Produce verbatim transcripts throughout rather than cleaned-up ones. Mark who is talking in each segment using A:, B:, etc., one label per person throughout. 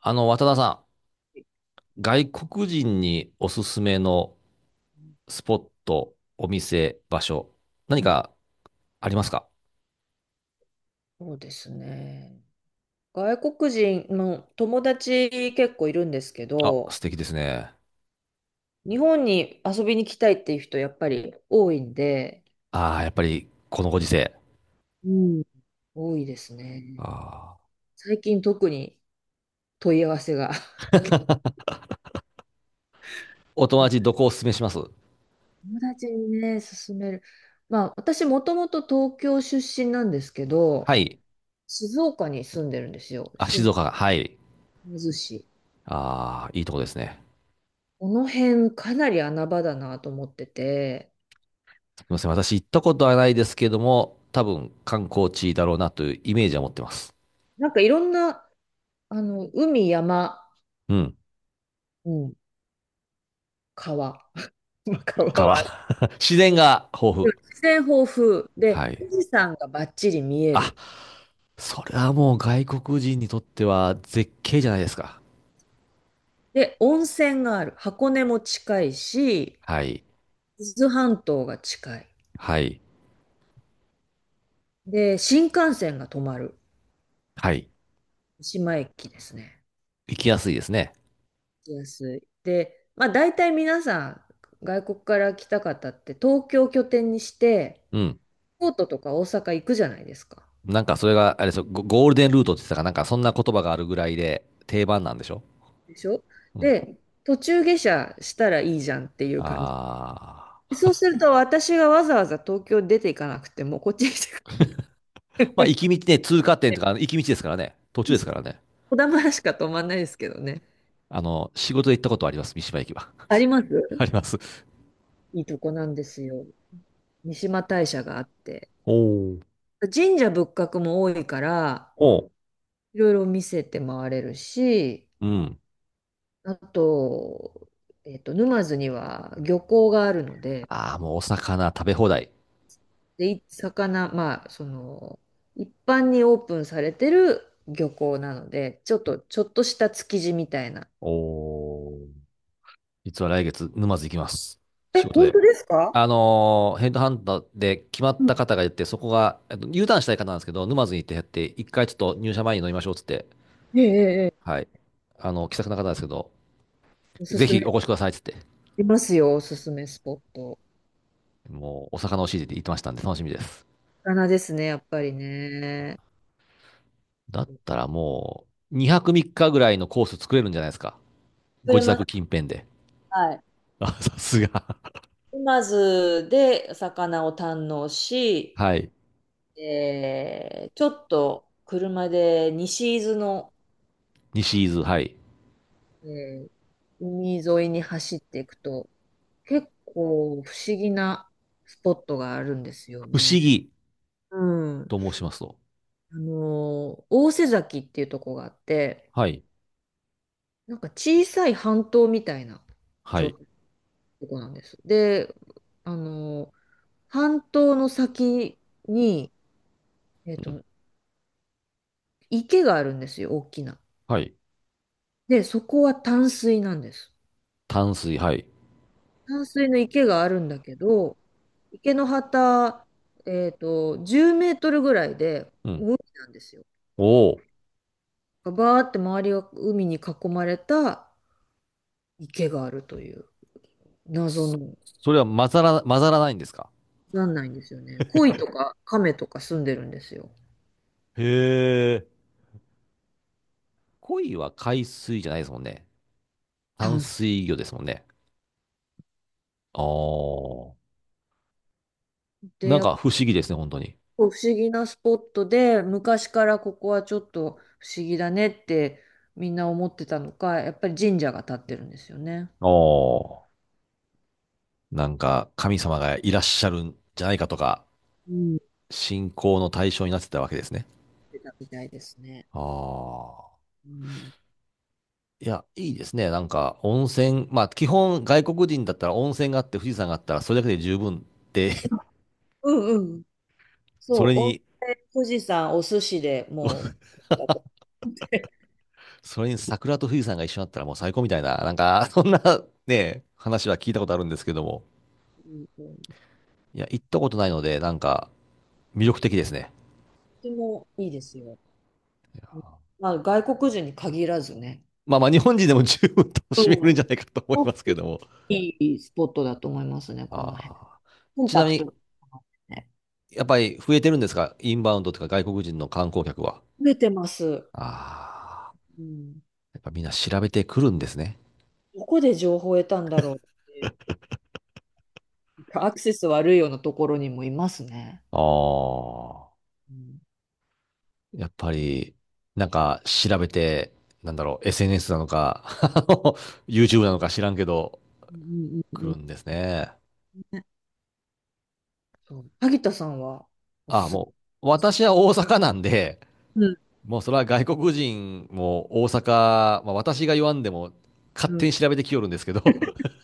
A: あの、渡田さん、外国人におすすめのスポット、お店、場所、何
B: うん、
A: かありますか？
B: そうですね。外国人の友達結構いるんですけ
A: あ、
B: ど、
A: 素敵ですね。
B: 日本に遊びに来たいっていう人やっぱり多いんで、
A: ああ、やっぱりこのご時世。
B: うん。多いですね。
A: あー。
B: 最近特に問い合わせが。
A: お友達 どこをおすすめします？
B: 友達にね、勧める。まあ、私もともと東京出身なんですけ
A: は
B: ど、
A: い。
B: 静岡に住んでるんですよ。
A: あ、静
B: 静
A: 岡が。はい。
B: 岡市。
A: ああ、いいとこですね。
B: この辺かなり穴場だなと思ってて、
A: すみません。私行ったことはないですけども、多分観光地だろうなというイメージは持ってます。
B: なんかいろんな、あの、海、山、
A: うん。
B: うん、川。まあ川
A: 川。
B: はある。
A: 自然が豊
B: 自
A: 富。
B: 然豊富で、
A: はい。
B: 富士山がバッチリ見え
A: あ、
B: る。
A: それはもう外国人にとっては絶景じゃないですか。
B: で、温泉がある。箱根も近いし、
A: はい。
B: 伊豆半島が近い。
A: はい。
B: で、新幹線が止まる。
A: はい。
B: 三島駅ですね。
A: 行きやすいですね。
B: 行きやすい。で、まあ大体皆さん、外国から来た方って東京拠点にして、
A: うん。
B: 京都とか大阪行くじゃないですか。
A: なんかそれが、あれですよ、ゴゴールデンルートって言ってたかなんかそんな言葉があるぐらいで定番なんでしょ？
B: でしょ。
A: うん。
B: で、途中下車したらいいじゃんっていう感。
A: ああ。
B: そうすると私がわざわざ東京に出ていかなくてもこっちに来てく
A: まあ、
B: れ
A: 行
B: る。
A: き道ね、通過点とか、行き道ですからね。途中ですからね。
B: 小玉しか泊まんないですけどね。
A: あの、仕事で行ったことあります。三島駅は。
B: ありま す。
A: あります。
B: いいとこなんですよ。三嶋大社があって。
A: おー
B: 神社仏閣も多いから、
A: おう。
B: いろいろ見せて回れるし、
A: うん。
B: あと、えっと、沼津には漁港があるので、
A: ああ、もうお魚食べ放題。
B: で、い魚、まあ、その、一般にオープンされてる漁港なので、ちょっと、ちょっとした築地みたいな。
A: おお。実は来月、沼津行きます。
B: え、
A: 仕事
B: 本
A: で。
B: 当ですか？
A: あのーヘッドハンターで決ま
B: う
A: っ
B: ん、
A: た方がいて、そこが、えっと、ユーターンしたい方なんですけど、沼津に行ってやって、一回ちょっと入社前に飲みましょうっつって、
B: ええ、ええ、ええ。
A: はい。あの、気さくな方なんですけど、
B: おす
A: ぜ
B: すめ。
A: ひお越しくださいっつって、
B: いますよ、おすすめスポット。
A: もう、お魚をしいて言ってましたんで、楽しみです。
B: 魚ですね、やっぱりね。
A: だったらもう、にはくみっかぐらいのコース作れるんじゃないですか。
B: 釣
A: ご
B: れ
A: 自
B: ます。
A: 宅近辺で。
B: はい。
A: あ、さすが。
B: 沼津で魚を堪能し、
A: はい。
B: えー、ちょっと車で西伊豆の、
A: 西伊豆、はい。
B: えー海沿いに走っていくと、結構不思議なスポットがあるんですよ
A: 不思
B: ね。
A: 議
B: うん。
A: と申しますと？
B: あのー、大瀬崎っていうとこがあって、
A: はい。
B: なんか小さい半島みたいな
A: は
B: 状
A: い。
B: 態、そこなんです。で、あの、半島の先に、えっ
A: うん。
B: と、池があるんですよ、大きな。
A: はい。
B: で、そこは淡水なんです。
A: 淡水、はい。
B: 淡水の池があるんだけど、池の端、えっと、じゅうメートルぐらいで
A: うん。
B: 海なんですよ。
A: おお。
B: バーって周りが海に囲まれた池があるという謎
A: そ
B: の、
A: それは混ざら、混ざらないんですか？
B: なんないんですよね。鯉とか亀とか住んでるんですよ。
A: へえ。鯉は海水じゃないですもんね。淡
B: 淡水
A: 水魚ですもんね。ああ。
B: って
A: なん
B: やっ、
A: か不思議ですね、本当に。
B: こう不思議なスポットで、昔からここはちょっと不思議だねってみんな思ってたのか、やっぱり神社が建ってるんですよね。
A: ああ。なんか神様がいらっしゃるんじゃないかとか、
B: うん、
A: 信仰の対象になってたわけですね。
B: 出たみたいですね。
A: ああ。
B: うん。
A: いや、いいですね。なんか温泉、まあ基本外国人だったら温泉があって富士山があったらそれだけで十分って、
B: うんうん。
A: そ
B: そう、
A: れ
B: 温
A: に
B: 泉、富士山、お寿司でもう、だと、
A: それに桜と富士山が一緒だったらもう最高みたいな、なんか、そんなね、話は聞いたことあるんですけども。
B: うんうん、
A: いや、行ったことないので、なんか、魅力的ですね。
B: とてもいいですよ。うん。まあ、外国人に限らずね。
A: まあまあ、日本人でも十分楽
B: う
A: しめるん
B: ん。
A: じゃないかと思いますけども。
B: いいスポットだと思いますね、
A: あ
B: この辺。
A: ー。
B: コン
A: ちな
B: パ
A: み
B: ク
A: に、
B: ト。ね。
A: やっぱり増えてるんですかインバウンドとか外国人の観光客は？
B: 増えてます。
A: ああ。
B: うん。
A: やっぱみんな調べてくるんですね。
B: どこで情報を得たんだろう。アクセス悪いようなところにもいますね。
A: ああ。
B: うん。
A: やっぱり、なんか調べて、なんだろう、エスエヌエス なのか、あの ユーチューブ なのか知らんけど、
B: うんうん
A: 来
B: うん。
A: るんですね。
B: うん。そう。萩田さんはお
A: あ、
B: すす
A: もう、私は大阪なんで、
B: め。うん
A: もうそれは外国人も大阪、まあ、私が言わんでも勝
B: う
A: 手
B: ん。
A: に調べてきよるんですけど、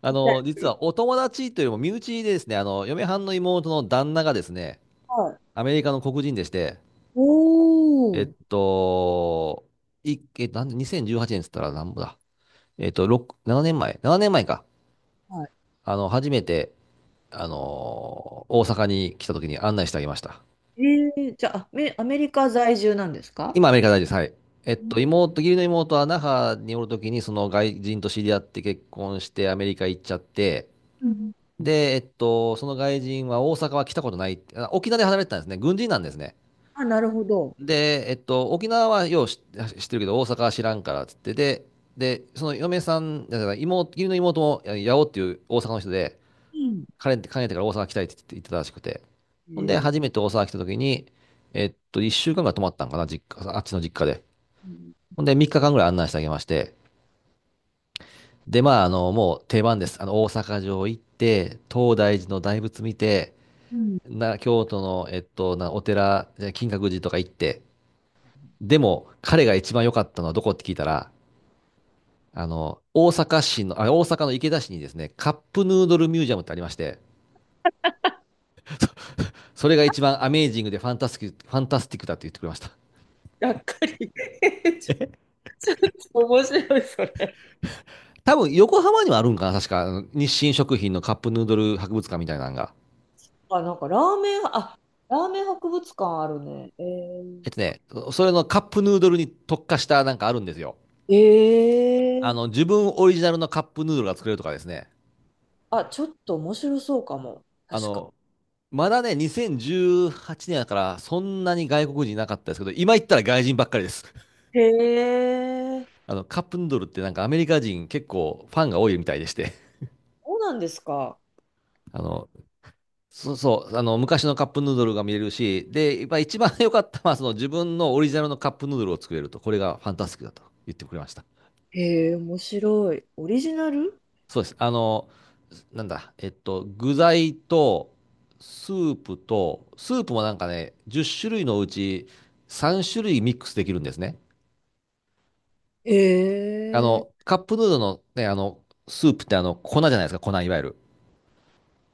A: あ
B: みたい。
A: の、実はお友達というよりも身内でですね、あの、嫁はんの妹の旦那がですね、
B: はい。
A: アメリカの黒人でして、え
B: お
A: っ
B: ー。
A: と、い、え、なんで、にせんじゅうはちねんっつったらなんぼだ。えっと、ろく、ななねんまえ、ななねんまえか。
B: は
A: あの、初めて、あの、大阪に来た時に案内してあげました。
B: い。えー、じゃあ、アメ、アメリカ在住なんですか？
A: 今、アメリカ大事です。はい。えっ
B: うん
A: と、妹、義理の妹は那覇におるときに、その外人と知り合って結婚してアメリカ行っちゃって、
B: うんうん。
A: で、えっと、その外人は大阪は来たことないって、あ、沖縄で働いてたんですね。軍人なんですね。
B: あ、なるほど。
A: で、えっと、沖縄はよう知知ってるけど、大阪は知らんからっつって、で、で、その嫁さん、だから妹、義理の妹も、や八尾っていう大阪の人で、
B: うん
A: 彼って、彼ってから大阪来たいって言って言ってたらしくて、
B: う
A: ほんで、
B: ん
A: 初めて大阪来たときに、えっと、いっしゅうかんぐらい泊まったんかな、実家、あっちの実家で。
B: うん
A: ほんで、みっかかんぐらい案内してあげまして、で、まあ、あの、もう定番です。あの、大阪城行って、東大寺の大仏見て、
B: うん。
A: な、京都の、えっと、な、お寺、え金閣寺とか行って、でも、彼が一番良かったのはどこって聞いたら、あの、大阪市の、あ、大阪の池田市にですね、カップヌードルミュージアムってありまして、それが一番アメージングでファンタスティック、ファンタスティックだって言ってくれました。
B: がっかり。 ちょっと面白い、それ。
A: 多分、横浜にもあるんかな、確か。あの日清食品のカップヌードル博物館みたいなのが。
B: あ、なんかラーメン、あ、ラーメン博物館あるね。
A: え
B: え
A: っとね、それのカップヌードルに特化したなんかあるんですよ。
B: ー、
A: あ
B: え、
A: の、自分オリジナルのカップヌードルが作れるとかですね。
B: あ、ちょっと面白そうかも。
A: あ
B: 確か。
A: の、まだね、にせんじゅうはちねんだからそんなに外国人いなかったですけど、今行ったら外人ばっかりです。
B: へえ。
A: あの、カップヌードルってなんかアメリカ人結構ファンが多いみたいでして。
B: そうなんですか。
A: あの、そうそう、あの、昔のカップヌードルが見れるし、で、やっぱ一番良かったのはその自分のオリジナルのカップヌードルを作れると、これがファンタスティックだと言ってくれました。
B: へえ、面白い。オリジナル。
A: そうです。あの、なんだ、えっと、具材と、スープと、スープもなんかね、じゅっしゅるい種類のうちさんしゅるい種類ミックスできるんですね。
B: へ
A: あの、
B: え。
A: カップヌードルのね、あの、スープってあの、粉じゃないですか、粉、いわゆる。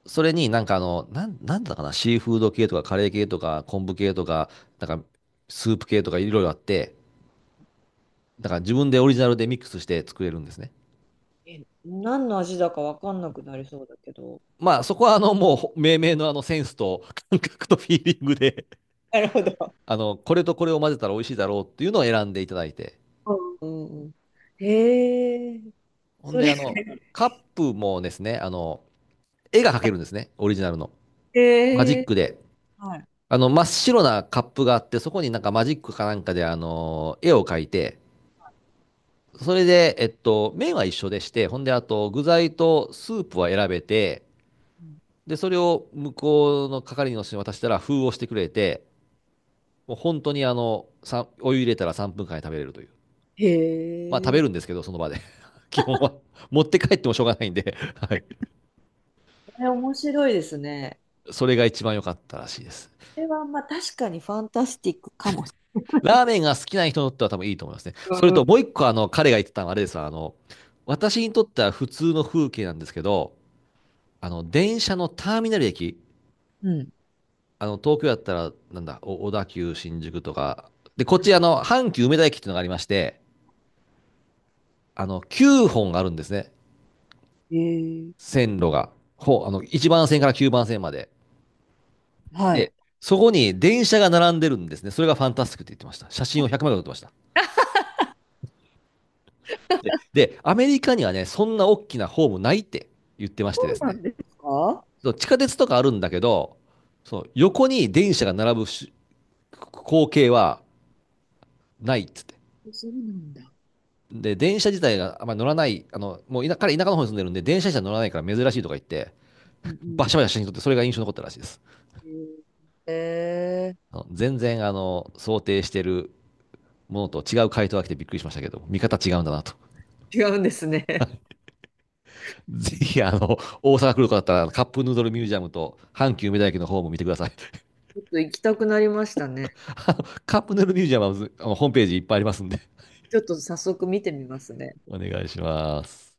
A: それになんかあの、なん、なんだかな、シーフード系とかカレー系とか昆布系とか、なんかスープ系とかいろいろあって、だから自分でオリジナルでミックスして作れるんですね。
B: え、何の味だかわかんなくなりそうだけど。
A: まあそこはあのもう命名のあのセンスと感覚とフィーリングで
B: なるほど。
A: あの、これとこれを混ぜたら美味しいだろうっていうのを選んでいただいて。
B: うんうんうん。へえ。
A: ほん
B: そ
A: で、
B: れ、
A: あの、カップもですね、あの、絵が描けるんですね、オリジナルの。マジ
B: へ
A: ッ
B: え。
A: クで。
B: はい。
A: あの、真っ白なカップがあって、そこになんかマジックかなんかで、あの、絵を描いて、それで、えっと、麺は一緒でして、ほんで、あと、具材とスープは選べて、
B: うん。
A: で、それを向こうの係の人に渡したら、封をしてくれて、もう本当にあの、さんお湯入れたらさんぷんかんで食べれるという。
B: へ
A: まあ食べ
B: え。
A: るんですけど、その場で 基本は 持って帰ってもしょうがないんで、はい。
B: これ面白いですね。
A: それが一番良かったらしいです。
B: これは、まあ、確かにファンタスティックかもし。
A: ラーメンが好きな人にとっては多分いいと思いますね。
B: う
A: それとも
B: ん
A: う一個、あの、彼が言ってたのはあれですわ。あの、私にとっては普通の風景なんですけど、あの、電車のターミナル駅、
B: うん
A: あの、東京だったら、なんだ、お小田急新宿とか、で、こっち、あの、阪急梅田駅っていうのがありまして、あの、きゅうほんあるんですね。
B: うん。へえ。
A: 線路が。ほう、あの、いちばん線からきゅうばん線まで。
B: はい。
A: で、そこに電車が並んでるんですね。それがファンタスティックって言ってました。写真をひゃくまい撮ってました。で、でアメリカにはね、そんな大きなホームないって言ってまし
B: そ
A: てです
B: うなん
A: ね。
B: ですか？
A: 地下鉄とかあるんだけど、その横に電車が並ぶし光景はないっつって。
B: そうなんだ。
A: で、電車自体があんまり乗らない、あの、もう田彼田舎の方に住んでるんで、電車自体乗らないから珍しいとか言って、
B: うん
A: バシャバシャ写真撮って、それが印象に残ったらしいです。
B: うん。え
A: あの全然、あの、想定してるものと違う回答が来てびっくりしましたけど、見方違うんだなと。
B: ー、違うんですね。
A: ぜひ、あの、大阪来る方だったら、カップヌードルミュージアムと、阪急梅田駅の方も見てください。
B: ちょっと行きたくなりましたね。
A: あのカップヌードルミュージアムは、あのホームページいっぱいありますんで、
B: ちょっと早速見てみますね。
A: お願いします。